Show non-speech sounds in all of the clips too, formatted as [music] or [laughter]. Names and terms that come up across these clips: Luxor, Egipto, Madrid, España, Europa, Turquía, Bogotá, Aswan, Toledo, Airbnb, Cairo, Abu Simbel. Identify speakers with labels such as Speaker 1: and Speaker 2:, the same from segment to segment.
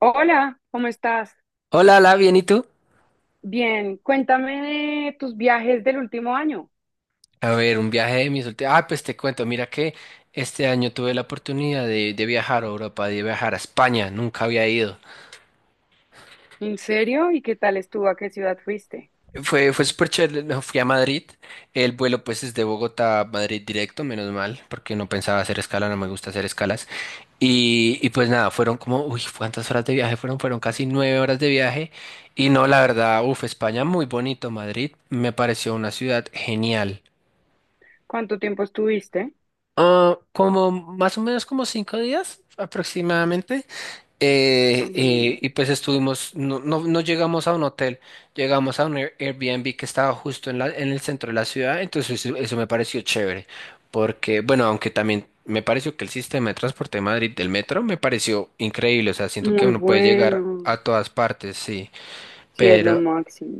Speaker 1: Hola, ¿cómo estás?
Speaker 2: Hola, hola, bien, ¿y tú?
Speaker 1: Bien, cuéntame de tus viajes del último año.
Speaker 2: A ver, un viaje de mis últimos... Ah, pues te cuento, mira que este año tuve la oportunidad de viajar a Europa, de viajar a España, nunca había ido.
Speaker 1: ¿En serio? ¿Y qué tal estuvo? ¿A qué ciudad fuiste?
Speaker 2: Fue súper chévere, no, fui a Madrid, el vuelo pues es de Bogotá a Madrid directo, menos mal, porque no pensaba hacer escala, no me gusta hacer escalas. Y pues nada, fueron como, uy, ¿cuántas horas de viaje fueron? Fueron casi 9 horas de viaje. Y no, la verdad, uff, España muy bonito, Madrid me pareció una ciudad genial.
Speaker 1: ¿Cuánto tiempo estuviste?
Speaker 2: Ah, como más o menos como 5 días aproximadamente.
Speaker 1: Mm,
Speaker 2: Y pues estuvimos, no, no, llegamos a un hotel, llegamos a un Airbnb que estaba justo en la, en el centro de la ciudad, entonces eso me pareció chévere, porque bueno, aunque también me pareció que el sistema de transporte de Madrid del metro me pareció increíble, o sea, siento que
Speaker 1: muy
Speaker 2: uno puede llegar
Speaker 1: bueno.
Speaker 2: a todas partes, sí,
Speaker 1: Sí, es lo
Speaker 2: pero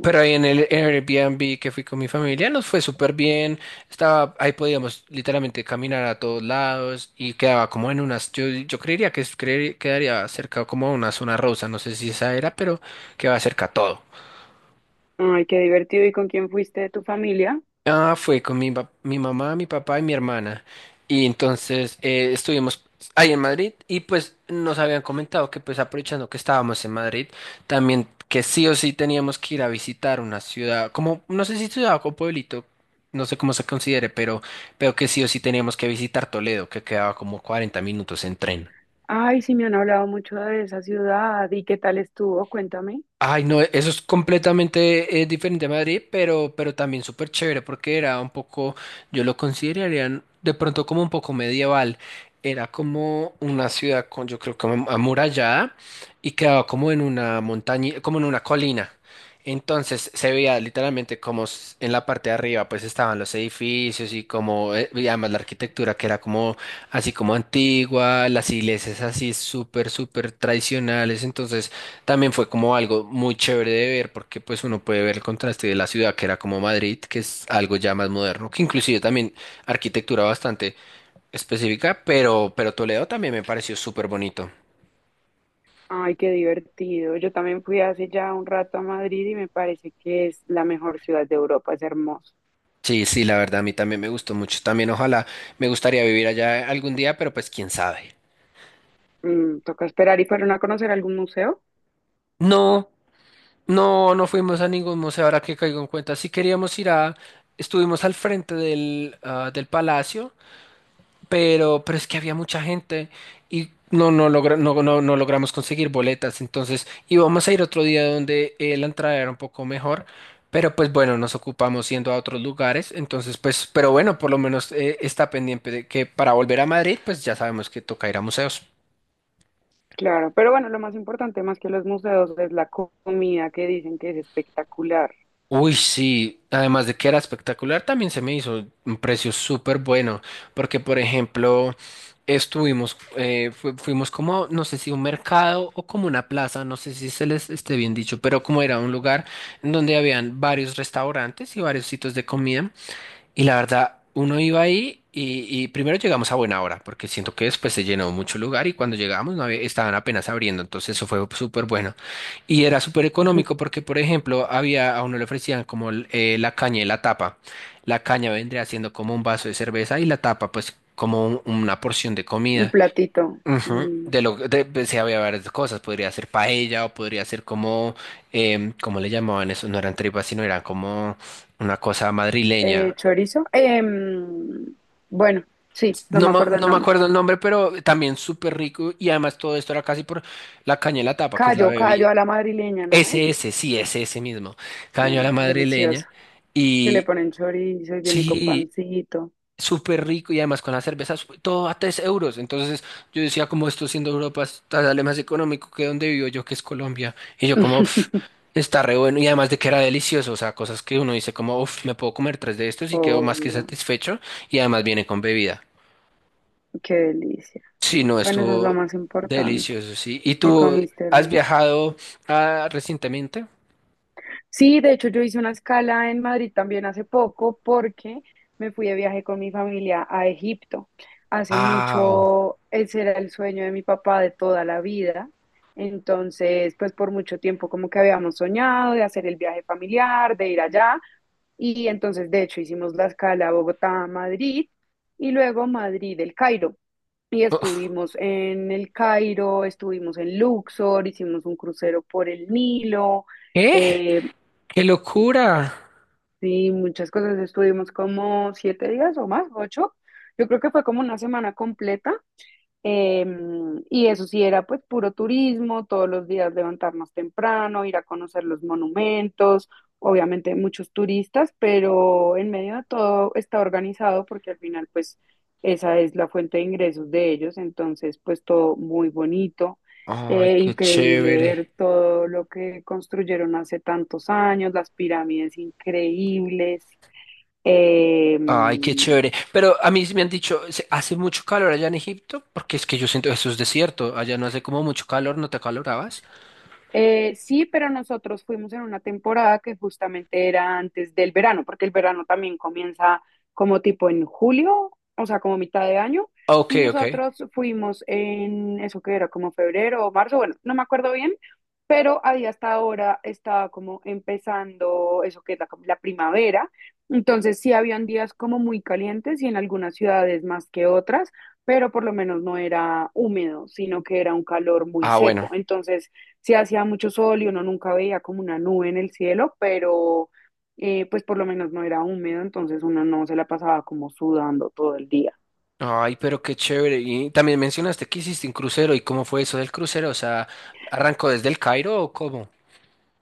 Speaker 2: pero ahí en el Airbnb que fui con mi familia nos fue súper bien. Estaba, ahí podíamos literalmente caminar a todos lados y quedaba como en unas, yo creería que quedaría cerca como a una zona rosa, no sé si esa era, pero quedaba cerca a todo.
Speaker 1: Ay, qué divertido. ¿Y con quién fuiste de tu familia?
Speaker 2: Ah, fue con mi, mi mamá, mi papá y mi hermana. Y entonces estuvimos ahí en Madrid y pues nos habían comentado que pues aprovechando que estábamos en Madrid, también que sí o sí teníamos que ir a visitar una ciudad, como no sé si ciudad o pueblito, no sé cómo se considere, pero que sí o sí teníamos que visitar Toledo, que quedaba como 40 minutos en tren.
Speaker 1: Ay, sí, me han hablado mucho de esa ciudad. ¿Y qué tal estuvo? Cuéntame.
Speaker 2: Ay, no, eso es completamente diferente a Madrid, pero también súper chévere porque era un poco, yo lo consideraría de pronto como un poco medieval. Era como una ciudad con, yo creo que amurallada y quedaba como en una montaña, como en una colina. Entonces se veía literalmente como en la parte de arriba pues estaban los edificios y como, y además la arquitectura que era como así como antigua, las iglesias así súper, súper tradicionales. Entonces también fue como algo muy chévere de ver porque pues uno puede ver el contraste de la ciudad que era como Madrid, que es algo ya más moderno, que inclusive también arquitectura bastante específica, pero Toledo también me pareció súper bonito.
Speaker 1: Ay, qué divertido. Yo también fui hace ya un rato a Madrid y me parece que es la mejor ciudad de Europa. Es hermoso.
Speaker 2: Sí, sí, la verdad a mí también me gustó mucho. También ojalá me gustaría vivir allá algún día, pero pues quién sabe.
Speaker 1: Toca esperar y fueron a conocer algún museo.
Speaker 2: No, no, no fuimos a ningún museo, ahora que caigo en cuenta. Sí queríamos ir a, estuvimos al frente del, ah, del palacio. Pero es que había mucha gente y no, no, no, no, no logramos conseguir boletas. Entonces íbamos a ir otro día donde la entrada era un poco mejor, pero pues bueno, nos ocupamos yendo a otros lugares. Entonces, pues, pero bueno, por lo menos está pendiente de que para volver a Madrid, pues ya sabemos que toca ir a museos.
Speaker 1: Claro, pero bueno, lo más importante más que los museos es la comida que dicen que es espectacular.
Speaker 2: Uy, sí, además de que era espectacular, también se me hizo un precio súper bueno, porque por ejemplo, estuvimos, fuimos como, no sé si un mercado o como una plaza, no sé si se les esté bien dicho, pero como era un lugar en donde habían varios restaurantes y varios sitios de comida. Y la verdad, uno iba ahí y primero llegamos a buena hora, porque siento que después se llenó mucho lugar y cuando llegamos no había- estaban apenas abriendo, entonces eso fue súper bueno. Y era súper
Speaker 1: [laughs] Ujú.
Speaker 2: económico porque, por ejemplo, había, a uno le ofrecían como la caña y la tapa. La caña vendría siendo como un vaso de cerveza y la tapa, pues, como una porción de
Speaker 1: Un
Speaker 2: comida.
Speaker 1: platito.
Speaker 2: Ujú.
Speaker 1: mm,
Speaker 2: De lo de, pues, sí, había varias cosas, podría ser paella o podría ser como, ¿cómo le llamaban eso? No eran tripas, sino eran como una cosa madrileña.
Speaker 1: Chorizo. Bueno, sí, no
Speaker 2: No,
Speaker 1: me acuerdo el
Speaker 2: no me
Speaker 1: nombre.
Speaker 2: acuerdo el nombre, pero también súper rico y además todo esto era casi por la caña de la tapa, que es la
Speaker 1: Callo,
Speaker 2: bebida.
Speaker 1: callo a la madrileña, ¿no es?
Speaker 2: SS, sí, es ese mismo. Caña a la
Speaker 1: Delicioso.
Speaker 2: madrileña.
Speaker 1: Que le
Speaker 2: Y
Speaker 1: ponen chorizo y viene con
Speaker 2: sí,
Speaker 1: pancito.
Speaker 2: súper rico y además con las cervezas todo a 3 euros. Entonces yo decía, como esto siendo Europa, sale más económico que donde vivo yo, que es Colombia. Y yo como, "Pf,
Speaker 1: [laughs]
Speaker 2: está re bueno". Y además de que era delicioso, o sea, cosas que uno dice como, uff, me puedo comer tres de estos y quedo más que
Speaker 1: Obvio,
Speaker 2: satisfecho. Y además viene con bebida.
Speaker 1: qué delicia.
Speaker 2: Sí, no,
Speaker 1: Bueno, eso es lo
Speaker 2: estuvo
Speaker 1: más importante.
Speaker 2: delicioso, sí. ¿Y
Speaker 1: Que
Speaker 2: tú
Speaker 1: comiste
Speaker 2: has
Speaker 1: rico.
Speaker 2: viajado recientemente?
Speaker 1: Sí, de hecho yo hice una escala en Madrid también hace poco porque me fui de viaje con mi familia a Egipto. Hace
Speaker 2: ¡Wow!
Speaker 1: mucho, ese era el sueño de mi papá de toda la vida. Entonces, pues por mucho tiempo como que habíamos soñado de hacer el viaje familiar, de ir allá. Y entonces, de hecho, hicimos la escala Bogotá-Madrid y luego Madrid-El Cairo. Y estuvimos en El Cairo, estuvimos en Luxor, hicimos un crucero por el Nilo.
Speaker 2: ¿Qué?
Speaker 1: eh,
Speaker 2: ¡Qué locura!
Speaker 1: Sí, muchas cosas. Estuvimos como 7 días o más, 8. Yo creo que fue como una semana completa eh, y eso sí era pues puro turismo, todos los días levantarnos temprano, ir a conocer los monumentos, obviamente muchos turistas, pero en medio de todo está organizado porque al final pues esa es la fuente de ingresos de ellos, entonces pues todo muy bonito,
Speaker 2: ¡Ay, qué
Speaker 1: increíble ver
Speaker 2: chévere!
Speaker 1: todo lo que construyeron hace tantos años, las pirámides increíbles. Eh,
Speaker 2: ¡Ay, qué chévere! Pero a mí sí me han dicho, ¿hace mucho calor allá en Egipto? Porque es que yo siento, eso es desierto, allá no hace como mucho calor, ¿no te acalorabas?
Speaker 1: Sí, pero nosotros fuimos en una temporada que justamente era antes del verano, porque el verano también comienza como tipo en julio, o sea, como mitad de año,
Speaker 2: Ok,
Speaker 1: y
Speaker 2: ok.
Speaker 1: nosotros fuimos en eso que era como febrero o marzo, bueno, no me acuerdo bien, pero ahí hasta ahora estaba como empezando eso que es la primavera, entonces sí habían días como muy calientes y en algunas ciudades más que otras, pero por lo menos no era húmedo, sino que era un calor muy
Speaker 2: Ah, bueno.
Speaker 1: seco, entonces sí hacía mucho sol y uno nunca veía como una nube en el cielo, pero pues por lo menos no era húmedo, entonces uno no se la pasaba como sudando todo el día.
Speaker 2: Ay, pero qué chévere. Y también mencionaste que hiciste un crucero. ¿Y cómo fue eso del crucero? O sea, ¿arrancó desde el Cairo o cómo?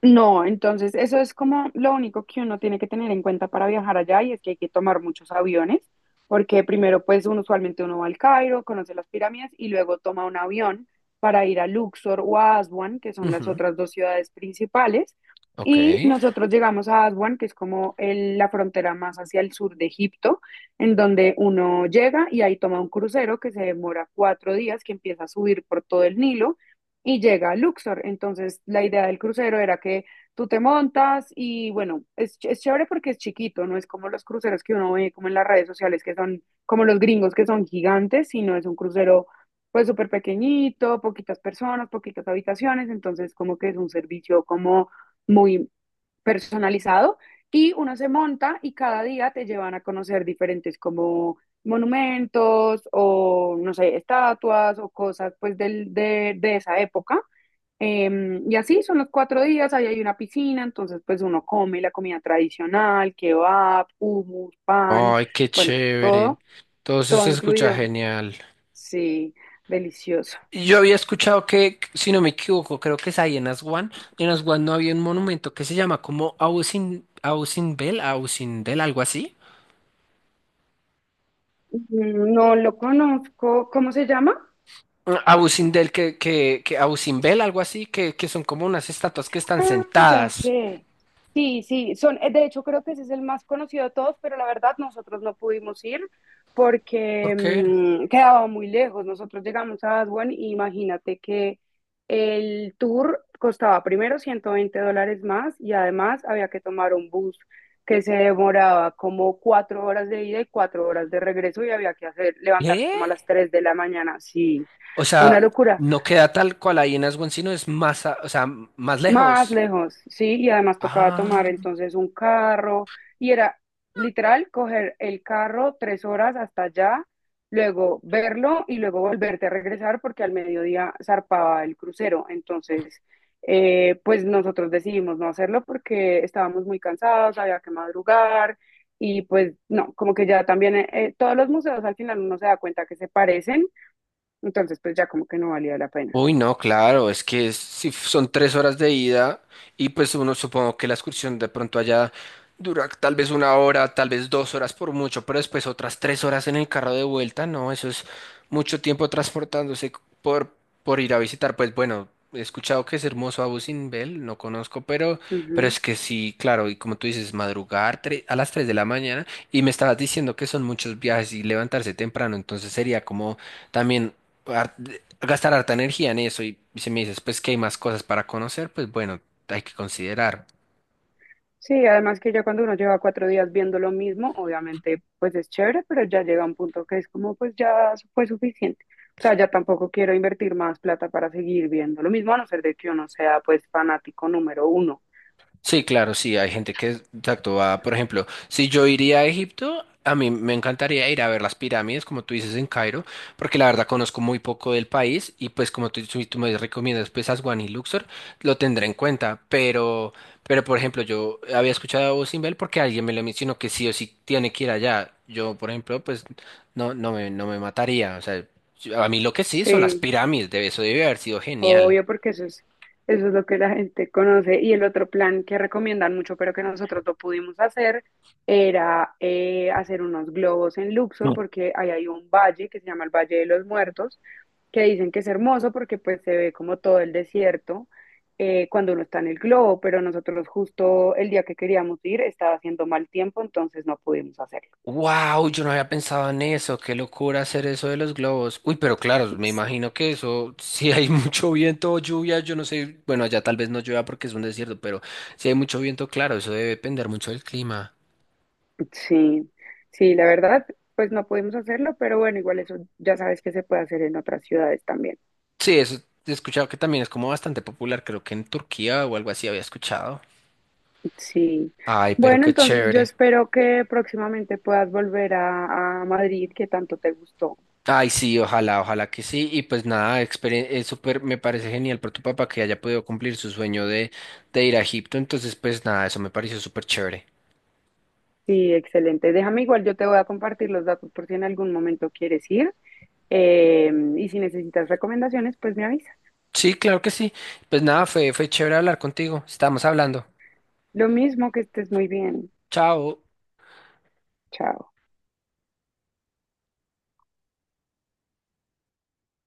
Speaker 1: No, entonces eso es como lo único que uno tiene que tener en cuenta para viajar allá y es que hay que tomar muchos aviones, porque primero pues uno usualmente uno va al Cairo, conoce las pirámides y luego toma un avión para ir a Luxor o a Aswan, que son las
Speaker 2: Ujú.
Speaker 1: otras 2 ciudades principales,
Speaker 2: Ok.
Speaker 1: y nosotros llegamos a Aswan, que es como la frontera más hacia el sur de Egipto, en donde uno llega y ahí toma un crucero que se demora 4 días, que empieza a subir por todo el Nilo y llega a Luxor. Entonces, la idea del crucero era que tú te montas y bueno, es chévere porque es chiquito, no es como los cruceros que uno ve como en las redes sociales, que son como los gringos que son gigantes, sino es un crucero pues súper pequeñito, poquitas personas, poquitas habitaciones, entonces como que es un servicio como muy personalizado y uno se monta y cada día te llevan a conocer diferentes como monumentos o, no sé, estatuas o cosas pues de esa época. Y así son los 4 días, ahí hay una piscina, entonces pues uno come la comida tradicional, kebab, hummus, pan,
Speaker 2: Ay, qué
Speaker 1: bueno,
Speaker 2: chévere.
Speaker 1: todo,
Speaker 2: Todo eso
Speaker 1: todo
Speaker 2: se escucha
Speaker 1: incluido.
Speaker 2: genial.
Speaker 1: Sí, delicioso.
Speaker 2: Yo había escuchado que, si no me equivoco, creo que es ahí en Aswan. En Aswan no había un monumento que se llama como Ausin, Ausinbel, Ausindel, algo así.
Speaker 1: No lo conozco, ¿cómo se llama?
Speaker 2: Ah, Ausindel, que Ausimbel, algo así, que son como unas estatuas que están
Speaker 1: Ah, ya
Speaker 2: sentadas.
Speaker 1: sé. Sí, sí, son, de hecho creo que ese es el más conocido de todos, pero la verdad nosotros no pudimos ir
Speaker 2: ¿Por
Speaker 1: porque
Speaker 2: qué?
Speaker 1: quedaba muy lejos. Nosotros llegamos a Aswan y imagínate que el tour costaba primero 120 dólares más y además había que tomar un bus que se demoraba como 4 horas de ida y 4 horas de regreso y había que hacer, levantarse
Speaker 2: ¿Eh?
Speaker 1: como a las 3 de la mañana. Sí,
Speaker 2: O
Speaker 1: una
Speaker 2: sea,
Speaker 1: locura.
Speaker 2: no queda tal cual ahí en Aswan, sino es más, o sea, más
Speaker 1: Más
Speaker 2: lejos.
Speaker 1: lejos, sí, y además tocaba tomar
Speaker 2: Ah.
Speaker 1: entonces un carro y era literal coger el carro 3 horas hasta allá, luego verlo y luego volverte a regresar porque al mediodía zarpaba el crucero. Entonces, pues nosotros decidimos no hacerlo porque estábamos muy cansados, había que madrugar y pues no, como que ya también todos los museos al final uno se da cuenta que se parecen entonces, pues ya como que no valía la pena.
Speaker 2: Uy, no, claro, es que es- si f- son 3 horas de ida y pues uno supongo que la excursión de pronto allá dura tal vez una hora, tal vez dos horas por mucho, pero después otras 3 horas en el carro de vuelta, no, eso es mucho tiempo por, por ir a visitar, pues bueno, he escuchado que es hermoso Abu Simbel, no conozco, pero
Speaker 1: Ujú.
Speaker 2: es que sí, claro, y como tú dices, a las 3 de la mañana y me estabas diciendo que son muchos viajes y levantarse temprano, entonces sería como también gastar harta energía en eso y si me dices, pues que hay más cosas para conocer, pues bueno, hay que considerar.
Speaker 1: Sí, además que ya cuando uno lleva 4 días viendo lo mismo, obviamente pues es chévere, pero ya llega un punto que es como pues ya fue suficiente. O sea, ya tampoco quiero invertir más plata para seguir viendo lo mismo, a no ser de que uno sea pues fanático número uno.
Speaker 2: Sí, claro, sí, hay gente que, exacto, va, por ejemplo, si yo iría a Egipto, a mí me encantaría ir a ver las pirámides, como tú dices, en Cairo, porque la verdad conozco muy poco del país y pues como tú me recomiendas, pues Aswan y Luxor, lo tendré en cuenta, pero por ejemplo, yo había escuchado a Abu Simbel porque alguien me lo mencionó que sí o sí tiene que ir allá. Yo, por ejemplo, pues no, no me mataría, o sea, a mí lo que sí son las
Speaker 1: Sí,
Speaker 2: pirámides, de eso debe haber sido genial.
Speaker 1: obvio, porque eso es, lo que la gente conoce. Y el otro plan que recomiendan mucho, pero que nosotros no pudimos hacer, era hacer unos globos en Luxor, porque ahí hay un valle que se llama el Valle de los Muertos, que dicen que es hermoso porque pues se ve como todo el desierto cuando uno está en el globo, pero nosotros justo el día que queríamos ir estaba haciendo mal tiempo, entonces no pudimos hacerlo.
Speaker 2: Wow, yo no había pensado en eso, qué locura hacer eso de los globos. Uy, pero claro, me imagino que eso, si hay [laughs] mucho viento o lluvia, yo no sé, bueno, allá tal vez no llueva porque es un desierto, pero si hay mucho viento, claro, eso debe depender mucho del clima.
Speaker 1: Sí, sí, la verdad, pues no pudimos hacerlo, pero bueno, igual eso ya sabes que se puede hacer en otras ciudades también.
Speaker 2: Sí, eso he escuchado que también es como bastante popular, creo que en Turquía o algo así había escuchado.
Speaker 1: Sí.
Speaker 2: Ay, pero
Speaker 1: Bueno,
Speaker 2: qué
Speaker 1: entonces yo
Speaker 2: chévere.
Speaker 1: espero que próximamente puedas volver a, Madrid, que tanto te gustó.
Speaker 2: Ay, sí, ojalá, ojalá que sí. Y pues nada, es súper, me parece genial por tu papá que haya podido cumplir su sueño de ir a Egipto. Entonces, pues nada, eso me pareció súper chévere.
Speaker 1: Sí, excelente. Déjame igual, yo te voy a compartir los datos por si en algún momento quieres ir. Eh, y si necesitas recomendaciones, pues me avisas.
Speaker 2: Sí, claro que sí. Pues nada, fue chévere hablar contigo. Estamos hablando.
Speaker 1: Lo mismo, que estés muy bien.
Speaker 2: Chao.
Speaker 1: Chao.